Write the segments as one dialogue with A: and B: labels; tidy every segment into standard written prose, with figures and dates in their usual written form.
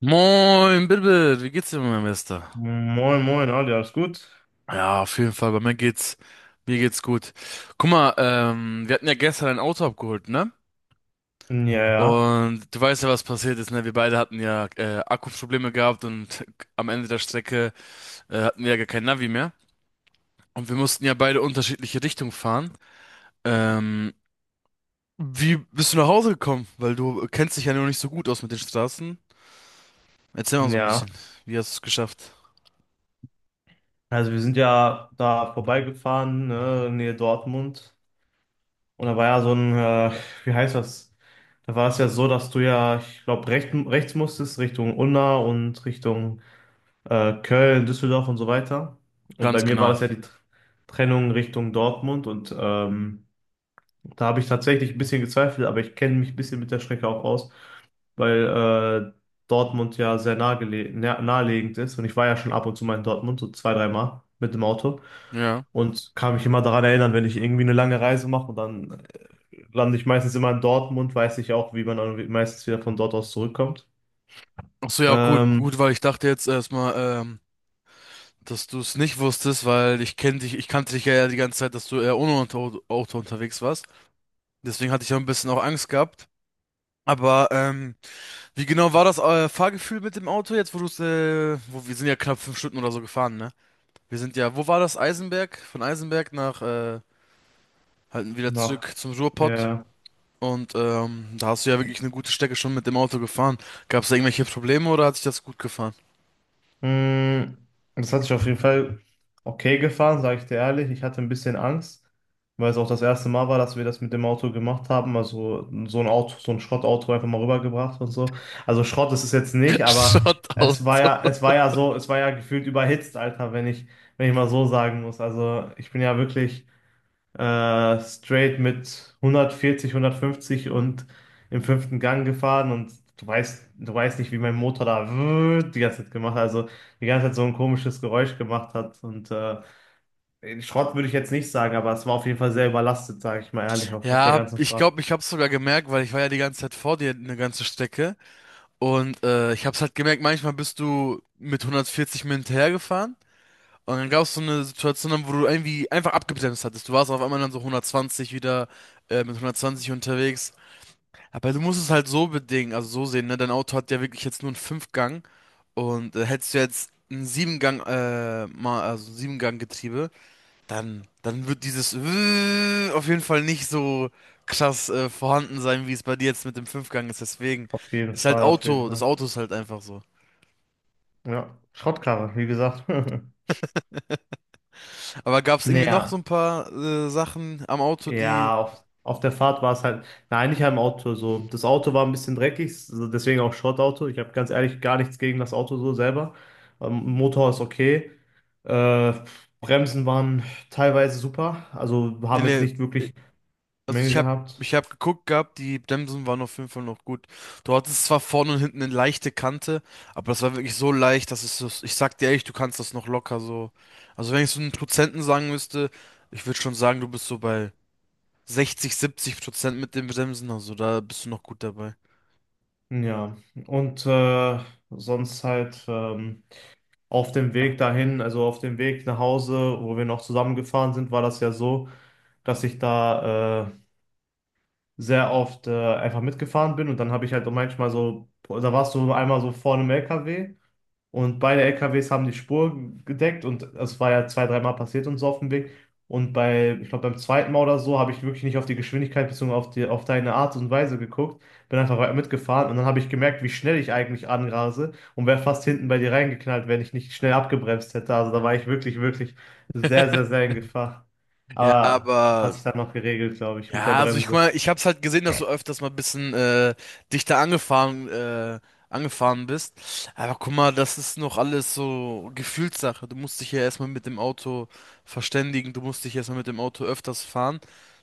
A: Moin, Bilbil, wie geht's dir, mein Bester?
B: Moin, moin, Ali, alles gut?
A: Ja, auf jeden Fall, bei mir mir geht's gut. Guck mal, wir hatten ja gestern ein Auto abgeholt, ne?
B: Ja, ja,
A: Und du weißt ja, was passiert ist, ne? Wir beide hatten ja Akkuprobleme gehabt und am Ende der Strecke hatten wir ja gar kein Navi mehr. Und wir mussten ja beide unterschiedliche Richtungen fahren. Ähm, Wie bist du nach Hause gekommen? Weil du kennst dich ja noch nicht so gut aus mit den Straßen. Erzähl mal so ein
B: ja.
A: bisschen. Wie hast du es geschafft?
B: Also wir sind ja da vorbeigefahren, ne, in Nähe Dortmund. Und da war ja so ein, wie heißt das? Da war es ja so, dass du ja, ich glaube, rechts musstest, Richtung Unna und Richtung Köln, Düsseldorf und so weiter. Und bei
A: Ganz
B: mir war
A: genau.
B: das ja die Trennung Richtung Dortmund. Da habe ich tatsächlich ein bisschen gezweifelt, aber ich kenne mich ein bisschen mit der Strecke auch aus, weil äh, Dortmund ja sehr naheliegend ist. Und ich war ja schon ab und zu mal in Dortmund, so zwei, dreimal mit dem Auto.
A: Ja.
B: Und kann mich immer daran erinnern, wenn ich irgendwie eine lange Reise mache und dann lande ich meistens immer in Dortmund, weiß ich auch, wie man dann meistens wieder von dort aus zurückkommt.
A: Ach so, ja, gut,
B: Ähm,
A: gut, weil ich dachte jetzt erstmal, dass du es nicht wusstest, weil ich ich kannte dich ja die ganze Zeit, dass du eher ohne Auto unterwegs warst. Deswegen hatte ich ja ein bisschen auch Angst gehabt. Aber wie genau war das Fahrgefühl mit dem Auto jetzt, wo du es, wo wir sind ja knapp 5 Stunden oder so gefahren, ne? Wir sind ja, wo war das? Eisenberg? Von Eisenberg nach halt wieder
B: nach,
A: zurück zum Ruhrpott.
B: ja.
A: Und da hast du ja wirklich eine gute Strecke schon mit dem Auto gefahren. Gab es da irgendwelche Probleme oder hat sich das gut gefahren?
B: Mm, Das hat sich auf jeden Fall okay gefahren, sage ich dir ehrlich. Ich hatte ein bisschen Angst, weil es auch das erste Mal war, dass wir das mit dem Auto gemacht haben. Also so ein Auto, so ein Schrottauto einfach mal rübergebracht und so. Also Schrott ist es jetzt nicht, aber
A: Shoutout.
B: es war ja gefühlt überhitzt, Alter, wenn ich mal so sagen muss. Also ich bin ja wirklich straight mit 140, 150 und im fünften Gang gefahren, und du weißt nicht, wie mein Motor da die ganze Zeit gemacht hat, also die ganze Zeit so ein komisches Geräusch gemacht hat. Und Schrott würde ich jetzt nicht sagen, aber es war auf jeden Fall sehr überlastet, sage ich mal ehrlich, auf der
A: Ja,
B: ganzen
A: ich
B: Fahrt.
A: glaube, ich habe es sogar gemerkt, weil ich war ja die ganze Zeit vor dir eine ganze Strecke. Und ich habe es halt gemerkt, manchmal bist du mit 140 mir hinterhergefahren. Und dann gab es so eine Situation, wo du irgendwie einfach abgebremst hattest. Du warst auf einmal dann so 120 wieder, mit 120 unterwegs. Aber du musst es halt so bedingen, also so sehen, ne? Dein Auto hat ja wirklich jetzt nur einen Fünfgang. Und hättest du jetzt ein also Siebengang-Getriebe, dann wird dieses auf jeden Fall nicht so krass vorhanden sein, wie es bei dir jetzt mit dem Fünfgang ist. Deswegen
B: Auf jeden
A: ist halt
B: Fall, auf jeden
A: Das
B: Fall.
A: Auto ist halt einfach so.
B: Ja, Schrottkarre, wie gesagt.
A: Aber gab es irgendwie noch so
B: Naja.
A: ein paar Sachen am Auto, die.
B: Ja, auf der Fahrt war es halt, nein, nicht halt im Auto so. Das Auto war ein bisschen dreckig, so deswegen auch Schrottauto. Ich habe ganz ehrlich gar nichts gegen das Auto so selber. Motor ist okay. Äh, Bremsen waren teilweise super, also
A: Nee,
B: haben jetzt
A: nee,
B: nicht
A: äh,
B: wirklich
A: also
B: Mängel
A: ich hab,
B: gehabt.
A: ich hab geguckt gehabt, die Bremsen waren auf jeden Fall noch gut. Du hattest zwar vorne und hinten eine leichte Kante, aber das war wirklich so leicht, dass es so, ich sag dir ehrlich, du kannst das noch locker so. Also wenn ich so einen Prozenten sagen müsste, ich würde schon sagen, du bist so bei 60, 70% mit dem Bremsen, also da bist du noch gut dabei.
B: Ja, und sonst halt, auf dem Weg dahin, also auf dem Weg nach Hause, wo wir noch zusammengefahren sind, war das ja so, dass ich da sehr oft einfach mitgefahren bin, und dann habe ich halt auch manchmal so, da warst du einmal so vor einem LKW, und beide LKWs haben die Spur gedeckt, und es war ja zwei, dreimal passiert und so auf dem Weg. Und bei, ich glaube, beim zweiten Mal oder so, habe ich wirklich nicht auf die Geschwindigkeit bezogen, auf deine Art und Weise geguckt, bin einfach weiter mitgefahren, und dann habe ich gemerkt, wie schnell ich eigentlich anrase, und wäre fast hinten bei dir reingeknallt, wenn ich nicht schnell abgebremst hätte. Also da war ich wirklich, wirklich sehr, sehr, sehr in Gefahr.
A: Ja,
B: Aber hat
A: aber
B: sich dann noch geregelt, glaube ich, mit der
A: ja, also ich guck
B: Bremse.
A: mal, ich hab's halt gesehen, dass du öfters mal ein bisschen dichter angefahren, äh, angefahren bist. Aber guck mal, das ist noch alles so Gefühlssache. Du musst dich ja erstmal mit dem Auto verständigen, du musst dich erstmal mit dem Auto öfters fahren,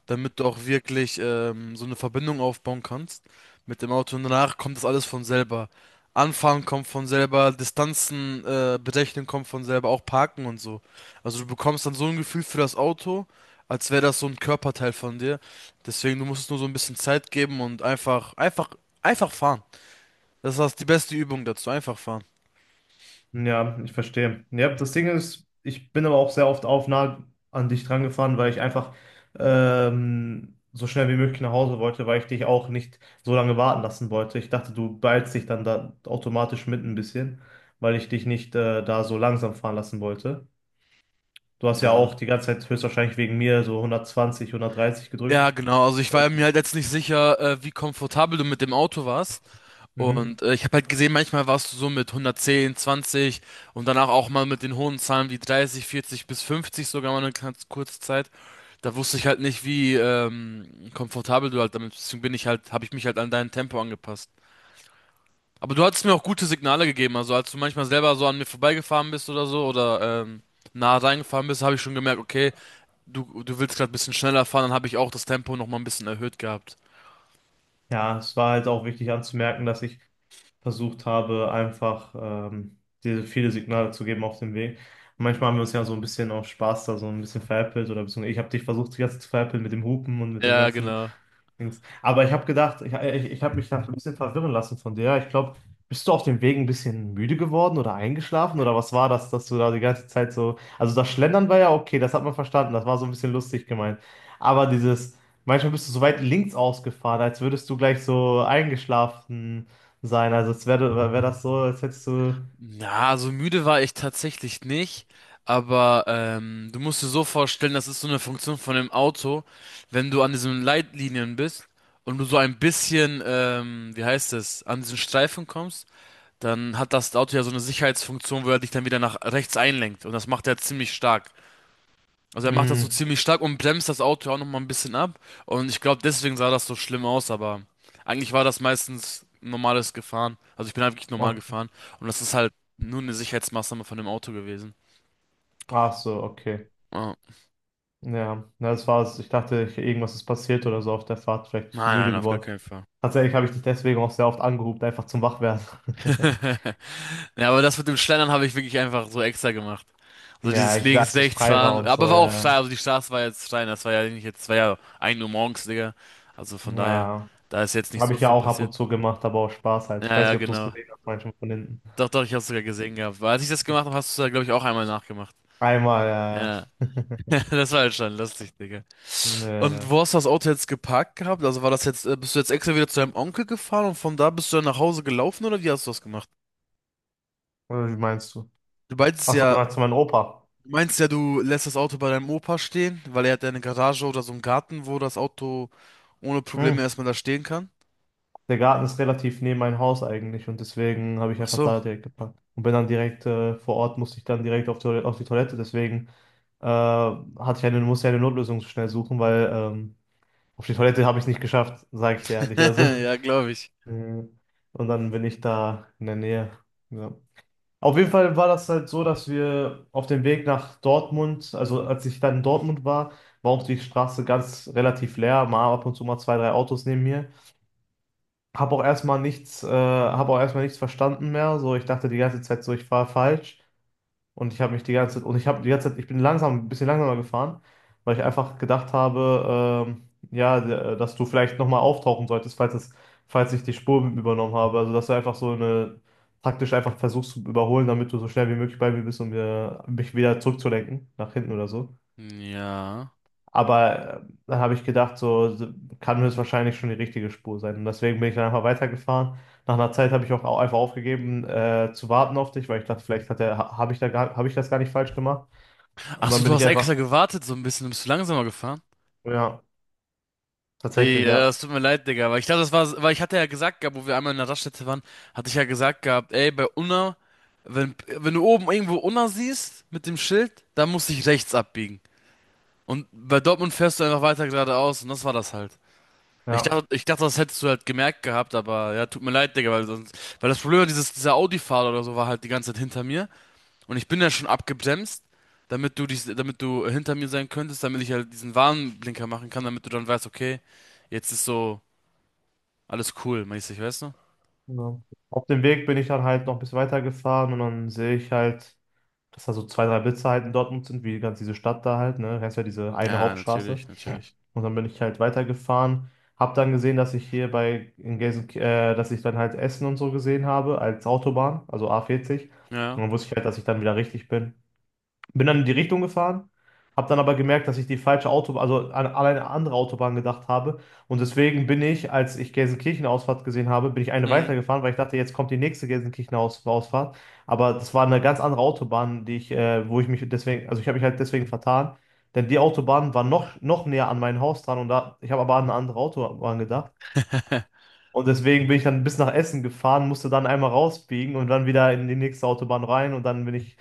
A: damit du auch wirklich so eine Verbindung aufbauen kannst mit dem Auto. Und danach kommt das alles von selber. Anfahren kommt von selber, Distanzen berechnen kommt von selber, auch Parken und so. Also du bekommst dann so ein Gefühl für das Auto, als wäre das so ein Körperteil von dir. Deswegen, du musst es nur so ein bisschen Zeit geben und einfach fahren. Das ist die beste Übung dazu, einfach fahren.
B: Ja, ich verstehe. Ja, das Ding ist, ich bin aber auch sehr oft auf nah an dich dran gefahren, weil ich einfach, so schnell wie möglich nach Hause wollte, weil ich dich auch nicht so lange warten lassen wollte. Ich dachte, du beeilst dich dann da automatisch mit ein bisschen, weil ich dich nicht da so langsam fahren lassen wollte. Du hast ja
A: Ja.
B: auch die ganze Zeit höchstwahrscheinlich wegen mir so 120, 130 gedrückt.
A: Ja, genau. Also ich war
B: Und
A: mir halt jetzt nicht sicher, wie komfortabel du mit dem Auto warst.
B: mhm.
A: Und ich habe halt gesehen, manchmal warst du so mit 110, 20 und danach auch mal mit den hohen Zahlen wie 30, 40 bis 50 sogar mal eine ganz kurze Zeit. Da wusste ich halt nicht, wie komfortabel du halt damit bist. Deswegen habe ich mich halt an dein Tempo angepasst. Aber du hattest mir auch gute Signale gegeben, also als du manchmal selber so an mir vorbeigefahren bist oder so oder nah reingefahren bist, habe ich schon gemerkt, okay, du willst gerade ein bisschen schneller fahren, dann habe ich auch das Tempo nochmal ein bisschen erhöht gehabt.
B: Ja, es war halt auch wichtig anzumerken, dass ich versucht habe, einfach, diese viele Signale zu geben auf dem Weg. Manchmal haben wir uns ja so ein bisschen auf Spaß da so ein bisschen veräppelt, oder beziehungsweise ich habe dich versucht, die ganze Zeit zu veräppeln, mit dem Hupen und mit dem
A: Ja,
B: ganzen
A: genau.
B: Dings. Aber ich habe gedacht, ich habe mich da ein bisschen verwirren lassen von dir. Ich glaube, bist du auf dem Weg ein bisschen müde geworden oder eingeschlafen, oder was war das, dass du da die ganze Zeit so. Also das Schlendern war ja okay, das hat man verstanden, das war so ein bisschen lustig gemeint. Aber dieses, manchmal bist du so weit links ausgefahren, als würdest du gleich so eingeschlafen sein. Also es wäre wär wär das so, als hättest du.
A: Na, so müde war ich tatsächlich nicht, aber du musst dir so vorstellen, das ist so eine Funktion von dem Auto, wenn du an diesen Leitlinien bist und du so ein bisschen, wie heißt es, an diesen Streifen kommst, dann hat das Auto ja so eine Sicherheitsfunktion, wo er dich dann wieder nach rechts einlenkt. Und das macht er ziemlich stark. Also er macht das so
B: Mh.
A: ziemlich stark und bremst das Auto auch nochmal ein bisschen ab. Und ich glaube, deswegen sah das so schlimm aus, aber eigentlich war das meistens normales Gefahren. Also ich bin halt wirklich normal
B: ach
A: gefahren. Und das ist halt nur eine Sicherheitsmaßnahme von dem Auto gewesen.
B: ach so, okay.
A: Oh.
B: Ja, na, das war's. Ich dachte, irgendwas ist passiert oder so auf der Fahrt. Vielleicht bist du
A: Nein,
B: müde
A: nein, auf gar
B: geworden.
A: keinen Fall.
B: Tatsächlich habe ich dich deswegen auch sehr oft angerufen, einfach zum Wachwerden.
A: Ja, aber das mit dem Schlendern habe ich wirklich einfach so extra gemacht. So
B: Ja,
A: dieses
B: ich
A: links,
B: sagte, dass
A: rechts
B: frei war
A: fahren.
B: und
A: Aber
B: so.
A: war auch
B: Ja.
A: steil, also die Straße war jetzt steil. Das war ja nicht jetzt, war ja 1 Uhr morgens, Digga. Also von daher,
B: Ja,
A: da ist jetzt nicht
B: habe
A: so
B: ich ja
A: viel
B: auch ab
A: passiert.
B: und zu gemacht, aber auch Spaß halt. Ich
A: Ja,
B: weiß
A: ja,
B: nicht, ob du es
A: genau.
B: gesehen hast, manchmal von hinten.
A: Doch, doch, ich hab's sogar gesehen gehabt. Weil als ich das gemacht habe, hast du es, glaube ich, auch einmal nachgemacht.
B: Einmal, ja.
A: Ja. Das war halt schon lustig, Digga. Und
B: Nee.
A: wo hast du das Auto jetzt geparkt gehabt? Also war das jetzt, bist du jetzt extra wieder zu deinem Onkel gefahren und von da bist du dann nach Hause gelaufen oder wie hast du das gemacht?
B: Oder wie meinst du?
A: Du meintest
B: Achso, du
A: ja,
B: meinst meinen Opa.
A: du meinst ja, du lässt das Auto bei deinem Opa stehen, weil er hat ja eine Garage oder so einen Garten, wo das Auto ohne Probleme
B: Hm.
A: erstmal da stehen kann?
B: Der Garten ist relativ neben mein Haus eigentlich, und deswegen habe ich
A: Ach
B: einfach
A: so.
B: da direkt gepackt. Und bin dann direkt vor Ort, musste ich dann direkt auf die Toilette. Deswegen musste ich eine Notlösung schnell suchen, weil auf die Toilette habe ich es nicht geschafft, sage ich dir ehrlich. Also,
A: Ja, glaube ich.
B: Mhm. Und dann bin ich da in der Nähe. Ja. Auf jeden Fall war das halt so, dass wir auf dem Weg nach Dortmund, also als ich dann in Dortmund war, war auch die Straße ganz relativ leer, mal ab und zu mal zwei, drei Autos neben mir. Hab auch erstmal nichts verstanden mehr. So, ich dachte die ganze Zeit so, ich fahre falsch. Und ich habe mich die ganze Zeit, und ich habe die ganze Zeit, ich bin langsam, ein bisschen langsamer gefahren, weil ich einfach gedacht habe, ja, dass du vielleicht nochmal auftauchen solltest, falls ich die Spur übernommen habe. Also, dass du einfach, taktisch einfach versuchst zu überholen, damit du so schnell wie möglich bei mir bist, um mich wieder zurückzulenken, nach hinten oder so.
A: Ja.
B: Aber dann habe ich gedacht, so kann das wahrscheinlich schon die richtige Spur sein. Und deswegen bin ich dann einfach weitergefahren. Nach einer Zeit habe ich auch einfach aufgegeben, zu warten auf dich, weil ich dachte, vielleicht hat der, ha- habe ich da gar, habe ich das gar nicht falsch gemacht. Und
A: Ach so,
B: dann
A: du
B: bin ich
A: hast
B: einfach,
A: extra gewartet so ein bisschen, bist du langsamer gefahren?
B: ja, tatsächlich,
A: Ja,
B: ja,
A: es tut mir leid, Digga, weil ich glaube, das war, weil ich hatte ja gesagt gehabt, wo wir einmal in der Raststätte waren, hatte ich ja gesagt gehabt, ey, bei Unna, wenn du oben irgendwo Unna siehst mit dem Schild, dann musst du dich rechts abbiegen. Und bei Dortmund fährst du einfach weiter geradeaus und das war das halt.
B: ja.
A: Ich dachte, das hättest du halt gemerkt gehabt, aber ja, tut mir leid, Digga, weil sonst, weil das Problem war, dieser Audi-Fahrer oder so war halt die ganze Zeit hinter mir und ich bin ja schon abgebremst, damit du hinter mir sein könntest, damit ich halt diesen Warnblinker machen kann, damit du dann weißt, okay, jetzt ist so alles cool, mäßig, weißt du?
B: Ja. Auf dem Weg bin ich dann halt noch ein bisschen weitergefahren, und dann sehe ich halt, dass da so zwei, drei Blitze halt in Dortmund sind, wie ganz diese Stadt da halt, ne? Heißt ja diese eine
A: Ja,
B: Hauptstraße.
A: natürlich, natürlich.
B: Und dann bin ich halt weitergefahren, hab dann gesehen, dass ich hier bei in Gelsen, dass ich dann halt Essen und so gesehen habe als Autobahn, also A40.
A: Ja.
B: Und dann wusste ich halt, dass ich dann wieder richtig bin. Bin dann in die Richtung gefahren, habe dann aber gemerkt, dass ich die falsche Autobahn, also an eine andere Autobahn gedacht habe. Und deswegen bin ich, als ich Gelsenkirchen-Ausfahrt gesehen habe, bin ich eine
A: Mhm.
B: weitergefahren, weil ich dachte, jetzt kommt die nächste Gelsenkirchen-Ausfahrt. Aber das war eine ganz andere Autobahn, wo ich mich deswegen, also ich habe mich halt deswegen vertan. Denn die Autobahn war noch näher an mein Haus dran, und da, ich habe aber an eine andere Autobahn gedacht. Und deswegen bin ich dann bis nach Essen gefahren, musste dann einmal rausbiegen und dann wieder in die nächste Autobahn rein, und dann bin ich,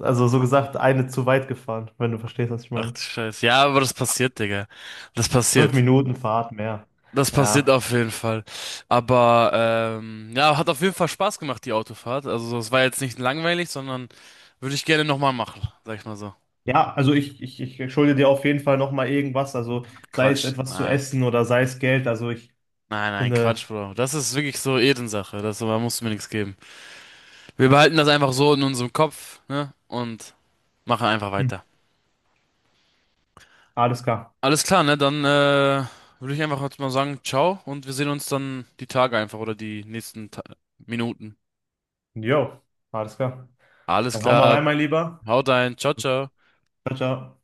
B: also so gesagt, eine zu weit gefahren, wenn du verstehst, was ich
A: Ach
B: meine.
A: du Scheiße. Ja, aber das passiert, Digga. Das
B: Fünf
A: passiert.
B: Minuten Fahrt mehr.
A: Das passiert
B: Ja.
A: auf jeden Fall. Aber ja, hat auf jeden Fall Spaß gemacht, die Autofahrt. Also es war jetzt nicht langweilig, sondern würde ich gerne nochmal machen, sag ich mal so.
B: Ja, also ich schulde dir auf jeden Fall nochmal irgendwas, also sei es
A: Quatsch.
B: etwas zu
A: Nein.
B: essen oder sei es Geld, also ich
A: Nein, nein,
B: finde,
A: Quatsch, Bro. Das ist wirklich so Ehrensache. Das, da musst du mir nichts geben. Wir behalten das einfach so in unserem Kopf, ne? Und machen einfach
B: hm,
A: weiter.
B: alles klar.
A: Alles klar, ne? Dann würde ich einfach jetzt mal sagen, ciao und wir sehen uns dann die Tage einfach oder die nächsten Ta Minuten.
B: Jo, alles klar.
A: Alles
B: Dann hau mal
A: klar.
B: rein, mein Lieber.
A: Haut rein. Ciao, ciao.
B: Ciao, ciao.